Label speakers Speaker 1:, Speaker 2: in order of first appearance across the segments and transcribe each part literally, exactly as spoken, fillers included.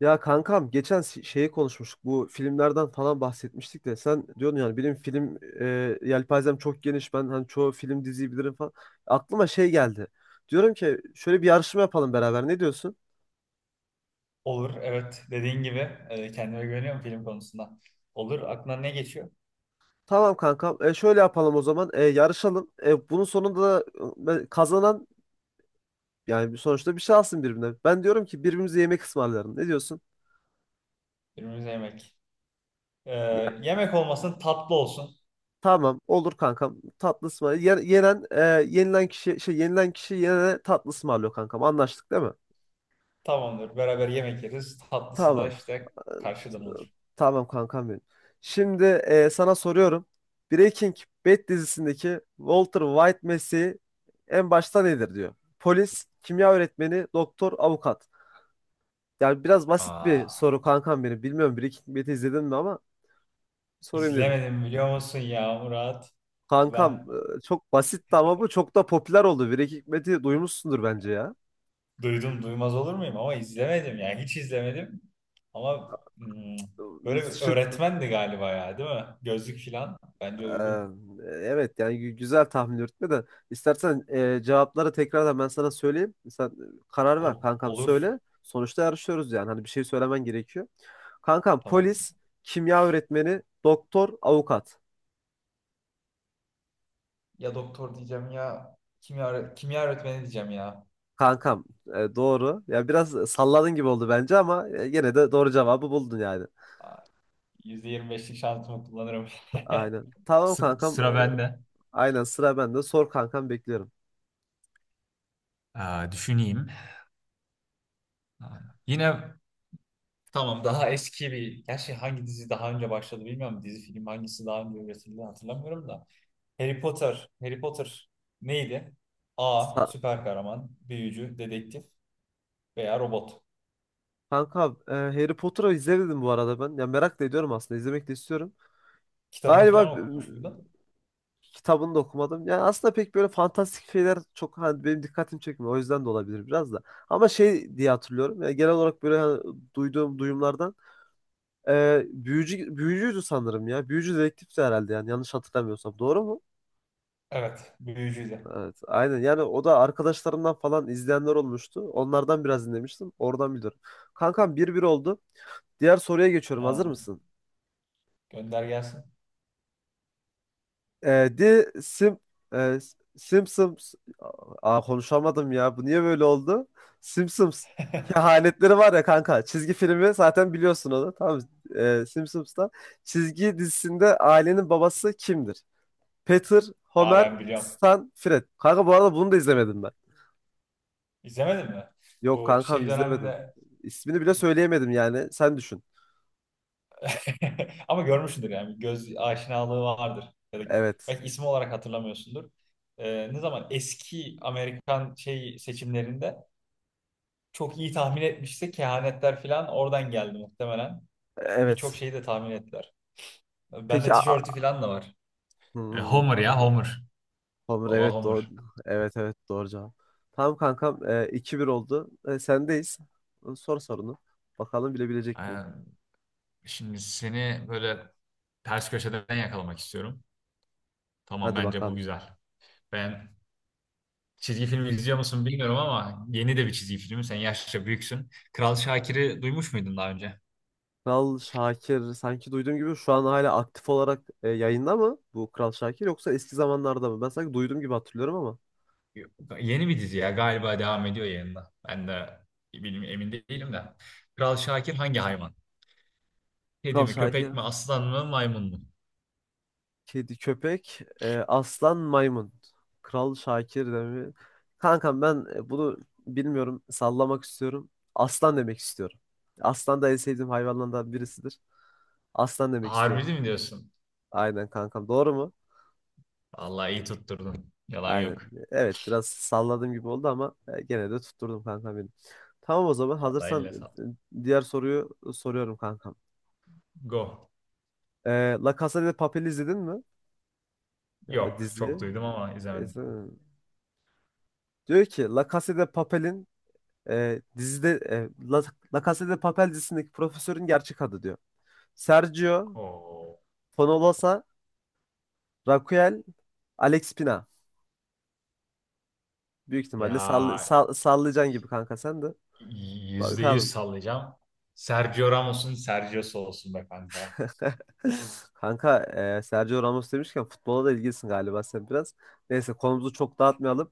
Speaker 1: Ya kankam geçen si- şeyi konuşmuştuk. Bu filmlerden falan bahsetmiştik de sen diyordun yani benim film e, yelpazem çok geniş. Ben hani çoğu film diziyi bilirim falan. Aklıma şey geldi. Diyorum ki şöyle bir yarışma yapalım beraber. Ne diyorsun?
Speaker 2: Olur, evet. Dediğin gibi e, kendime güveniyorum film konusunda. Olur, aklına ne geçiyor?
Speaker 1: Tamam kankam. E, şöyle yapalım o zaman. E, yarışalım. E, bunun sonunda da e, kazanan yani sonuçta bir şey alsın birbirine. Ben diyorum ki birbirimize yemek ısmarlayalım. Ne diyorsun?
Speaker 2: Önümüzde yemek. E,
Speaker 1: Ya,
Speaker 2: yemek olmasın, tatlı olsun.
Speaker 1: Tamam olur kankam, tatlı ısmarlayalım. Yenen e, yenilen kişi şey yenilen kişi yenene tatlı ısmarlıyor. Kankam anlaştık değil mi?
Speaker 2: Tamamdır, beraber yemek yeriz. Tatlısı da
Speaker 1: Tamam.
Speaker 2: işte karşıdan olur.
Speaker 1: Tamam kankam benim. Şimdi e, sana soruyorum. Breaking Bad dizisindeki Walter White mesleği en başta nedir diyor. Polis, kimya öğretmeni, doktor, avukat. Yani biraz basit bir
Speaker 2: Aa,
Speaker 1: soru kankam benim. Bilmiyorum Breaking Bad'i izledin mi ama sorayım dedim.
Speaker 2: izlemedim biliyor musun ya Murat?
Speaker 1: Kankam
Speaker 2: Ben
Speaker 1: e, çok basitti ama bu çok da popüler oldu. Breaking Bad'i duymuşsundur bence ya.
Speaker 2: duydum duymaz olur muyum ama izlemedim yani hiç izlemedim. Ama hmm, böyle bir
Speaker 1: Şık,
Speaker 2: öğretmendi galiba ya, değil mi? Gözlük falan bence
Speaker 1: Ee,
Speaker 2: uygun.
Speaker 1: Evet yani gü- güzel tahmin yürütme de. İstersen e, cevapları tekrardan ben sana söyleyeyim. Sen e, karar ver
Speaker 2: Ol-
Speaker 1: kankam,
Speaker 2: olur,
Speaker 1: söyle. Sonuçta yarışıyoruz yani hani bir şey söylemen gerekiyor. Kankam
Speaker 2: tamam.
Speaker 1: polis, kimya öğretmeni, doktor, avukat.
Speaker 2: Ya doktor diyeceğim ya kimya, kimya öğretmeni diyeceğim ya.
Speaker 1: Kankam e, doğru. Ya biraz salladın gibi oldu bence ama e, gene de doğru cevabı buldun yani.
Speaker 2: Yüzde yirmi beşlik şansımı kullanırım.
Speaker 1: Aynen. Tamam
Speaker 2: Sı-
Speaker 1: kankam.
Speaker 2: sıra
Speaker 1: e,
Speaker 2: bende.
Speaker 1: Aynen, sıra bende. Sor kankam, bekliyorum.
Speaker 2: Aa, düşüneyim. Aa, yine. Tamam, daha eski bir... Gerçi hangi dizi daha önce başladı bilmiyorum. Dizi film hangisi daha önce üretildi hatırlamıyorum da. Harry Potter. Harry Potter neydi? A.
Speaker 1: Sa-
Speaker 2: Süper kahraman, büyücü, dedektif veya robot.
Speaker 1: Kankam e, Harry Potter'ı izlemedim bu arada ben. Ya merak da ediyorum, aslında izlemek de istiyorum.
Speaker 2: Kitabını
Speaker 1: Galiba e,
Speaker 2: falan okumuş muydun?
Speaker 1: kitabını da okumadım. Yani aslında pek böyle fantastik şeyler çok hani benim dikkatimi çekmiyor. O yüzden de olabilir biraz da. Ama şey diye hatırlıyorum. Yani genel olarak böyle hani duyduğum duyumlardan e, büyücü büyücüydü sanırım ya. Büyücü dedektifti herhalde yani, yanlış hatırlamıyorsam. Doğru mu?
Speaker 2: Evet. Büyücüydü.
Speaker 1: Evet, aynen. Yani o da arkadaşlarımdan falan izleyenler olmuştu. Onlardan biraz dinlemiştim. Oradan biliyorum. Kankam bir bir oldu. Diğer soruya geçiyorum. Hazır
Speaker 2: Aa,
Speaker 1: mısın?
Speaker 2: gönder gelsin.
Speaker 1: Ee, The Sim e, Simpsons. Aa, konuşamadım ya. Bu niye böyle oldu? Simpsons kehanetleri var ya kanka. Çizgi filmi zaten biliyorsun onu. Tamam. Ee, Simpsons'ta çizgi dizisinde ailenin babası kimdir? Peter,
Speaker 2: Daha
Speaker 1: Homer,
Speaker 2: ben biliyorum.
Speaker 1: Stan, Fred. Kanka bu arada bunu da izlemedim ben.
Speaker 2: İzlemedin mi?
Speaker 1: Yok
Speaker 2: Bu
Speaker 1: kankam,
Speaker 2: şey
Speaker 1: izlemedim.
Speaker 2: döneminde
Speaker 1: İsmini bile söyleyemedim yani. Sen düşün.
Speaker 2: ama görmüşsündür yani bir göz aşinalığı vardır. Ya da
Speaker 1: Evet.
Speaker 2: belki ismi olarak hatırlamıyorsundur. Ee, ne zaman eski Amerikan şey seçimlerinde çok iyi tahmin etmişse kehanetler falan oradan geldi muhtemelen. Birçok
Speaker 1: Evet.
Speaker 2: şeyi de tahmin ettiler.
Speaker 1: Peki
Speaker 2: Bende
Speaker 1: a-
Speaker 2: tişörtü
Speaker 1: a-
Speaker 2: falan da var. E,
Speaker 1: Hmm,
Speaker 2: Homer ya
Speaker 1: anladım.
Speaker 2: Homer.
Speaker 1: Hamur,
Speaker 2: Baba
Speaker 1: evet, doğru.
Speaker 2: Homer.
Speaker 1: Evet evet, doğru cevap. Tamam kankam, e, iki bir oldu. E, sendeyiz. E, Sor sorunu. Bakalım bilebilecek miyim?
Speaker 2: Aynen. Şimdi seni böyle ters köşeden yakalamak istiyorum. Tamam,
Speaker 1: Hadi
Speaker 2: bence bu
Speaker 1: bakalım.
Speaker 2: güzel. Ben. Çizgi film izliyor musun bilmiyorum ama yeni de bir çizgi filmi. Sen yaşça büyüksün. Kral Şakir'i duymuş muydun daha önce?
Speaker 1: Kral Şakir sanki duyduğum gibi. Şu an hala aktif olarak e, yayında mı bu Kral Şakir, yoksa eski zamanlarda mı? Ben sanki duyduğum gibi hatırlıyorum ama.
Speaker 2: Yok. Yeni bir dizi ya, galiba devam ediyor yayında. Ben de bilmiyorum, emin değilim de. Kral Şakir hangi hayvan? Kedi
Speaker 1: Kral
Speaker 2: mi,
Speaker 1: Şakir.
Speaker 2: köpek mi, aslan mı, maymun mu?
Speaker 1: Kedi, köpek, e, aslan, maymun. Kral Şakir demi. Kankam ben e, bunu bilmiyorum. Sallamak istiyorum. Aslan demek istiyorum. Aslan da en sevdiğim hayvanlardan birisidir. Aslan demek istiyorum.
Speaker 2: Harbi mi diyorsun?
Speaker 1: Aynen kankam. Doğru mu?
Speaker 2: Vallahi iyi tutturdun. Yalan
Speaker 1: Aynen.
Speaker 2: yok.
Speaker 1: Evet biraz salladığım gibi oldu ama e, gene de tutturdum kankam benim. Tamam o zaman
Speaker 2: Vallahi
Speaker 1: hazırsan
Speaker 2: eline sağlık.
Speaker 1: e, diğer soruyu soruyorum kankam.
Speaker 2: Go.
Speaker 1: E, La Casa de Papel izledin mi? E,
Speaker 2: Yok.
Speaker 1: diziyi.
Speaker 2: Çok duydum ama
Speaker 1: E,
Speaker 2: izlemedim.
Speaker 1: sen- Diyor ki La Casa de Papel'in e, dizide e, La, La Casa de Papel dizisindeki profesörün gerçek adı diyor. Sergio,
Speaker 2: Oo.
Speaker 1: Fonolosa, Raquel, Alex Pina. Büyük
Speaker 2: Ya
Speaker 1: ihtimalle sall sall sallayacaksın gibi kanka sen de.
Speaker 2: yüzde yüz
Speaker 1: Bakalım.
Speaker 2: sallayacağım. Sergio Ramos'un Sergio'su olsun be kanka.
Speaker 1: Kanka e, Sergio Ramos demişken futbola da ilgilisin galiba sen biraz. Neyse konumuzu çok dağıtmayalım.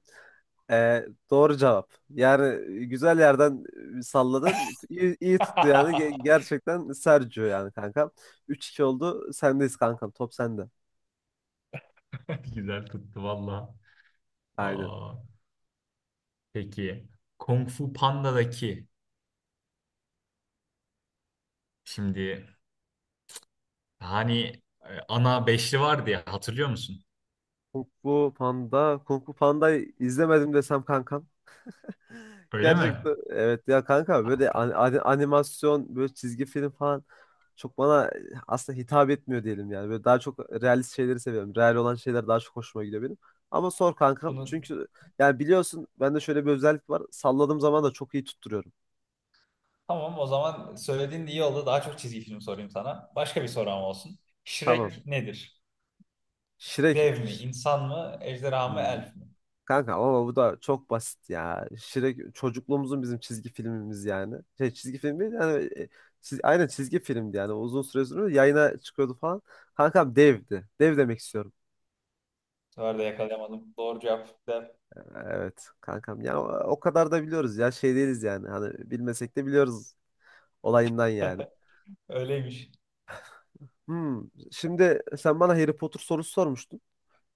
Speaker 1: E, doğru cevap. Yani güzel yerden e, salladın. İyi, iyi tuttu yani. Ge- gerçekten Sergio yani kanka. Üç iki oldu. Sendeyiz kankam. Top sende.
Speaker 2: Güzel tuttu valla.
Speaker 1: Aynen.
Speaker 2: Aa, peki. Kung Fu Panda'daki, şimdi hani e, ana beşli vardı ya, hatırlıyor musun?
Speaker 1: Kung Fu Panda. Kung Fu Panda'yı izlemedim desem kankam.
Speaker 2: Öyle mi?
Speaker 1: Gerçekten evet ya kanka,
Speaker 2: Tamam,
Speaker 1: böyle an-
Speaker 2: tamam.
Speaker 1: an- animasyon, böyle çizgi film falan çok bana aslında hitap etmiyor diyelim yani. Böyle daha çok realist şeyleri seviyorum. Real olan şeyler daha çok hoşuma gidiyor benim. Ama sor kankam,
Speaker 2: Bunu
Speaker 1: çünkü yani biliyorsun bende şöyle bir özellik var. Salladığım zaman da çok iyi tutturuyorum.
Speaker 2: tamam, o zaman söylediğin de iyi oldu. Daha çok çizgi film sorayım sana. Başka bir sorum olsun.
Speaker 1: Tamam.
Speaker 2: Shrek nedir?
Speaker 1: Shrek.
Speaker 2: Dev mi, insan mı, ejderha mı,
Speaker 1: Hmm.
Speaker 2: elf mi?
Speaker 1: Kanka ama bu da çok basit ya. Shrek çocukluğumuzun bizim çizgi filmimiz yani. Şey çizgi film değil yani e, çiz- aynen çizgi filmdi yani. Uzun süre sonra yayına çıkıyordu falan. Kankam devdi. Dev demek istiyorum.
Speaker 2: Bu sefer de yakalayamadım. Doğru cevap da
Speaker 1: Evet kankam yani o, o kadar da biliyoruz ya, şey değiliz yani. Hani bilmesek de biliyoruz olayından yani.
Speaker 2: öyleymiş.
Speaker 1: Hmm, Şimdi sen bana Harry Potter sorusu sormuştun.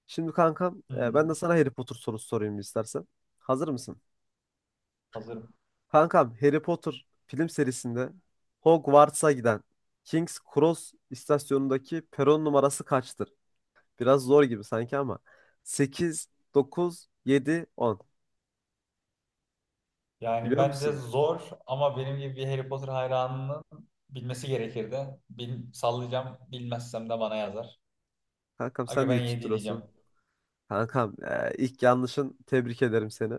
Speaker 1: Şimdi kankam
Speaker 2: Hmm.
Speaker 1: e, ben de sana Harry Potter sorusu sorayım istersen. Hazır mısın?
Speaker 2: Hazırım.
Speaker 1: Kankam Harry Potter film serisinde Hogwarts'a giden King's Cross istasyonundaki peron numarası kaçtır? Biraz zor gibi sanki ama. sekiz dokuz, yedi, on.
Speaker 2: Yani
Speaker 1: Biliyor
Speaker 2: bence
Speaker 1: musun?
Speaker 2: zor ama benim gibi bir Harry Potter hayranının bilmesi gerekirdi. Bil, sallayacağım. Bilmezsem de bana yazar.
Speaker 1: Kankam
Speaker 2: Aga
Speaker 1: sen de
Speaker 2: ben
Speaker 1: iyi
Speaker 2: yedi diyeceğim.
Speaker 1: tutturuyorsun. Kankam e, ilk yanlışın, tebrik ederim seni.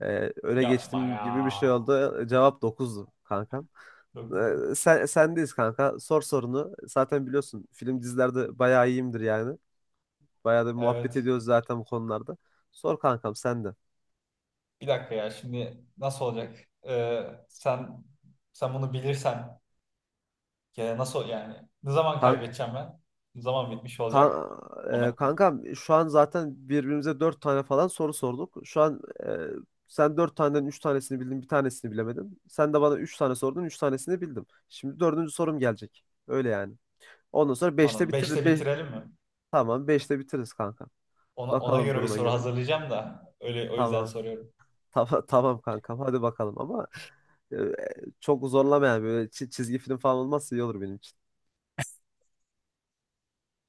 Speaker 1: E, öne
Speaker 2: Yapma
Speaker 1: geçtiğim
Speaker 2: ya.
Speaker 1: gibi bir şey oldu. Cevap dokuzdu kankam.
Speaker 2: Dokuz.
Speaker 1: E, sen, sendeyiz kanka. Sor sorunu. Zaten biliyorsun film dizilerde bayağı iyiyimdir yani. Bayağı da bir muhabbet
Speaker 2: Evet.
Speaker 1: ediyoruz zaten bu konularda. Sor kankam sen de.
Speaker 2: Bir dakika ya, şimdi nasıl olacak? Ee, sen sen bunu bilirsen ya nasıl yani? Ne zaman
Speaker 1: Kan,
Speaker 2: kaybedeceğim ben? Ne zaman bitmiş
Speaker 1: kan,
Speaker 2: olacak?
Speaker 1: e,
Speaker 2: Ona
Speaker 1: kankam şu an zaten birbirimize dört tane falan soru sorduk. Şu an e, sen dört taneden üç tanesini bildin, bir tanesini bilemedin. Sen de bana üç tane sordun, üç tanesini bildim. Şimdi dördüncü sorum gelecek. Öyle yani. Ondan sonra beşte
Speaker 2: anladım. Beşte
Speaker 1: bitiririz. Be
Speaker 2: bitirelim mi?
Speaker 1: tamam, beşte bitiririz kanka.
Speaker 2: Ona, ona
Speaker 1: Bakalım
Speaker 2: göre bir
Speaker 1: duruma
Speaker 2: soru
Speaker 1: göre.
Speaker 2: hazırlayacağım da öyle, o yüzden
Speaker 1: Tamam.
Speaker 2: soruyorum.
Speaker 1: Tamam, tamam kankam, hadi bakalım ama e, çok zorlamayan, böyle çi- çizgi film falan olmazsa iyi olur benim için.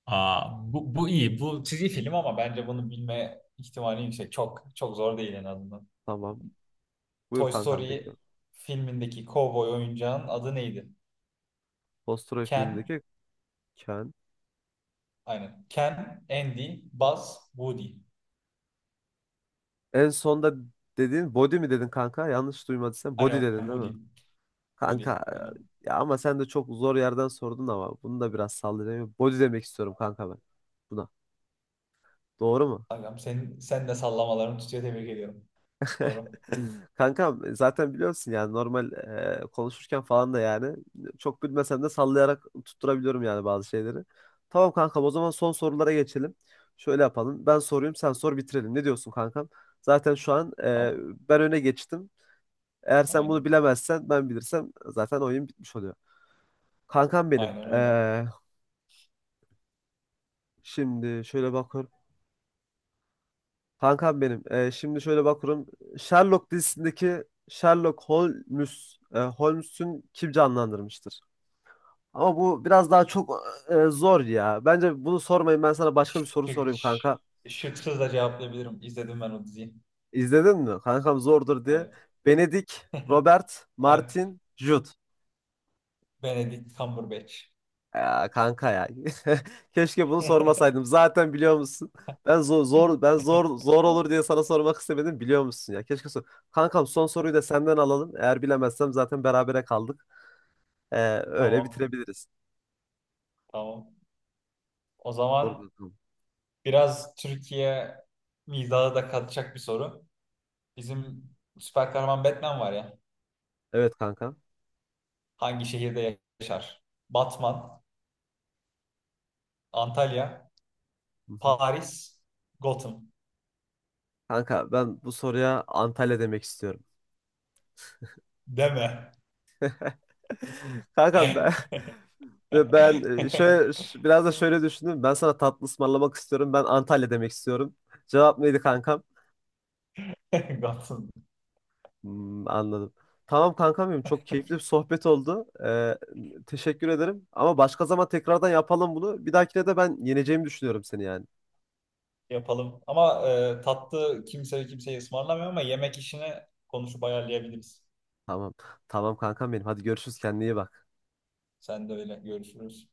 Speaker 2: Aa, bu, bu iyi. Bu çizgi film ama bence bunu bilme ihtimali yüksek. Çok çok zor değil en azından.
Speaker 1: Tamam. Buyur
Speaker 2: Toy
Speaker 1: kankam,
Speaker 2: Story
Speaker 1: bekliyorum.
Speaker 2: filmindeki kovboy oyuncağın adı neydi?
Speaker 1: Post Troy
Speaker 2: Ken,
Speaker 1: filmindeki Ken.
Speaker 2: aynen. Ken, Andy, Buzz, Woody.
Speaker 1: En sonda dediğin body mi dedin kanka? Yanlış duymadıysam body
Speaker 2: Aynen
Speaker 1: dedin değil mi?
Speaker 2: Woody. Woody,
Speaker 1: Kanka
Speaker 2: aynen.
Speaker 1: ya, ama sen de çok zor yerden sordun. Ama bunu da biraz sallayayım. Body demek istiyorum kanka ben. Buna. Doğru mu?
Speaker 2: Aynen. Senin, sen de sallamalarını tutuyor. Tebrik ediyorum. Doğru.
Speaker 1: Kankam zaten biliyorsun yani, normal e, konuşurken falan da yani çok bilmesem de sallayarak tutturabiliyorum yani bazı şeyleri. Tamam kankam, o zaman son sorulara geçelim. Şöyle yapalım. Ben sorayım, sen sor, bitirelim. Ne diyorsun kankam? Zaten şu an e,
Speaker 2: Tamam.
Speaker 1: ben öne geçtim. Eğer sen bunu
Speaker 2: Aynen.
Speaker 1: bilemezsen, ben bilirsem zaten oyun bitmiş oluyor. Kankam benim.
Speaker 2: Aynen öyle.
Speaker 1: E, şimdi şöyle bak. Kankam benim. Ee, şimdi şöyle bakıyorum. Sherlock dizisindeki Sherlock Holmes, e, Holmes'ün kim canlandırmıştır? Ama bu biraz daha çok e, zor ya. Bence bunu sormayın. Ben sana başka bir soru
Speaker 2: Şık,
Speaker 1: sorayım
Speaker 2: ş-
Speaker 1: kanka.
Speaker 2: şıksız da cevaplayabilirim. İzledim ben o diziyi.
Speaker 1: İzledin mi? Kankam zordur diye.
Speaker 2: Evet.
Speaker 1: Benedict, Robert,
Speaker 2: Evet.
Speaker 1: Martin, Jude.
Speaker 2: Benedict Cumberbatch.
Speaker 1: Ya kanka ya. Keşke bunu sormasaydım. Zaten biliyor musun? Ben zor, zor ben zor zor olur diye sana sormak istemedim, biliyor musun ya. Keşke sor. Kankam son soruyu da senden alalım. Eğer bilemezsem zaten berabere kaldık. Ee, Öyle
Speaker 2: Tamam.
Speaker 1: bitirebiliriz.
Speaker 2: Tamam. O
Speaker 1: Doğru
Speaker 2: zaman
Speaker 1: kankam.
Speaker 2: biraz Türkiye mizahı da katacak bir soru. Bizim süper kahraman Batman var ya.
Speaker 1: Evet kanka.
Speaker 2: Hangi şehirde yaşar? Batman, Antalya,
Speaker 1: Hı hı.
Speaker 2: Paris, Gotham.
Speaker 1: Kanka ben bu soruya Antalya demek istiyorum.
Speaker 2: Deme.
Speaker 1: Kanka ben ve ben e, şöyle ş- biraz da şöyle düşündüm. Ben sana tatlı ısmarlamak istiyorum. Ben Antalya demek istiyorum. Cevap neydi kankam?
Speaker 2: Gotham.
Speaker 1: Hmm, anladım. Tamam kankam benim, çok keyifli bir sohbet oldu. Ee, teşekkür ederim. Ama başka zaman tekrardan yapalım bunu. Bir dahakine de ben yeneceğimi düşünüyorum seni yani.
Speaker 2: Yapalım. Ama e, tatlı kimse kimseyi ısmarlamıyor ama yemek işini konuşup ayarlayabiliriz.
Speaker 1: Tamam. Tamam kankam benim. Hadi görüşürüz. Kendine iyi bak.
Speaker 2: Sen de öyle, görüşürüz.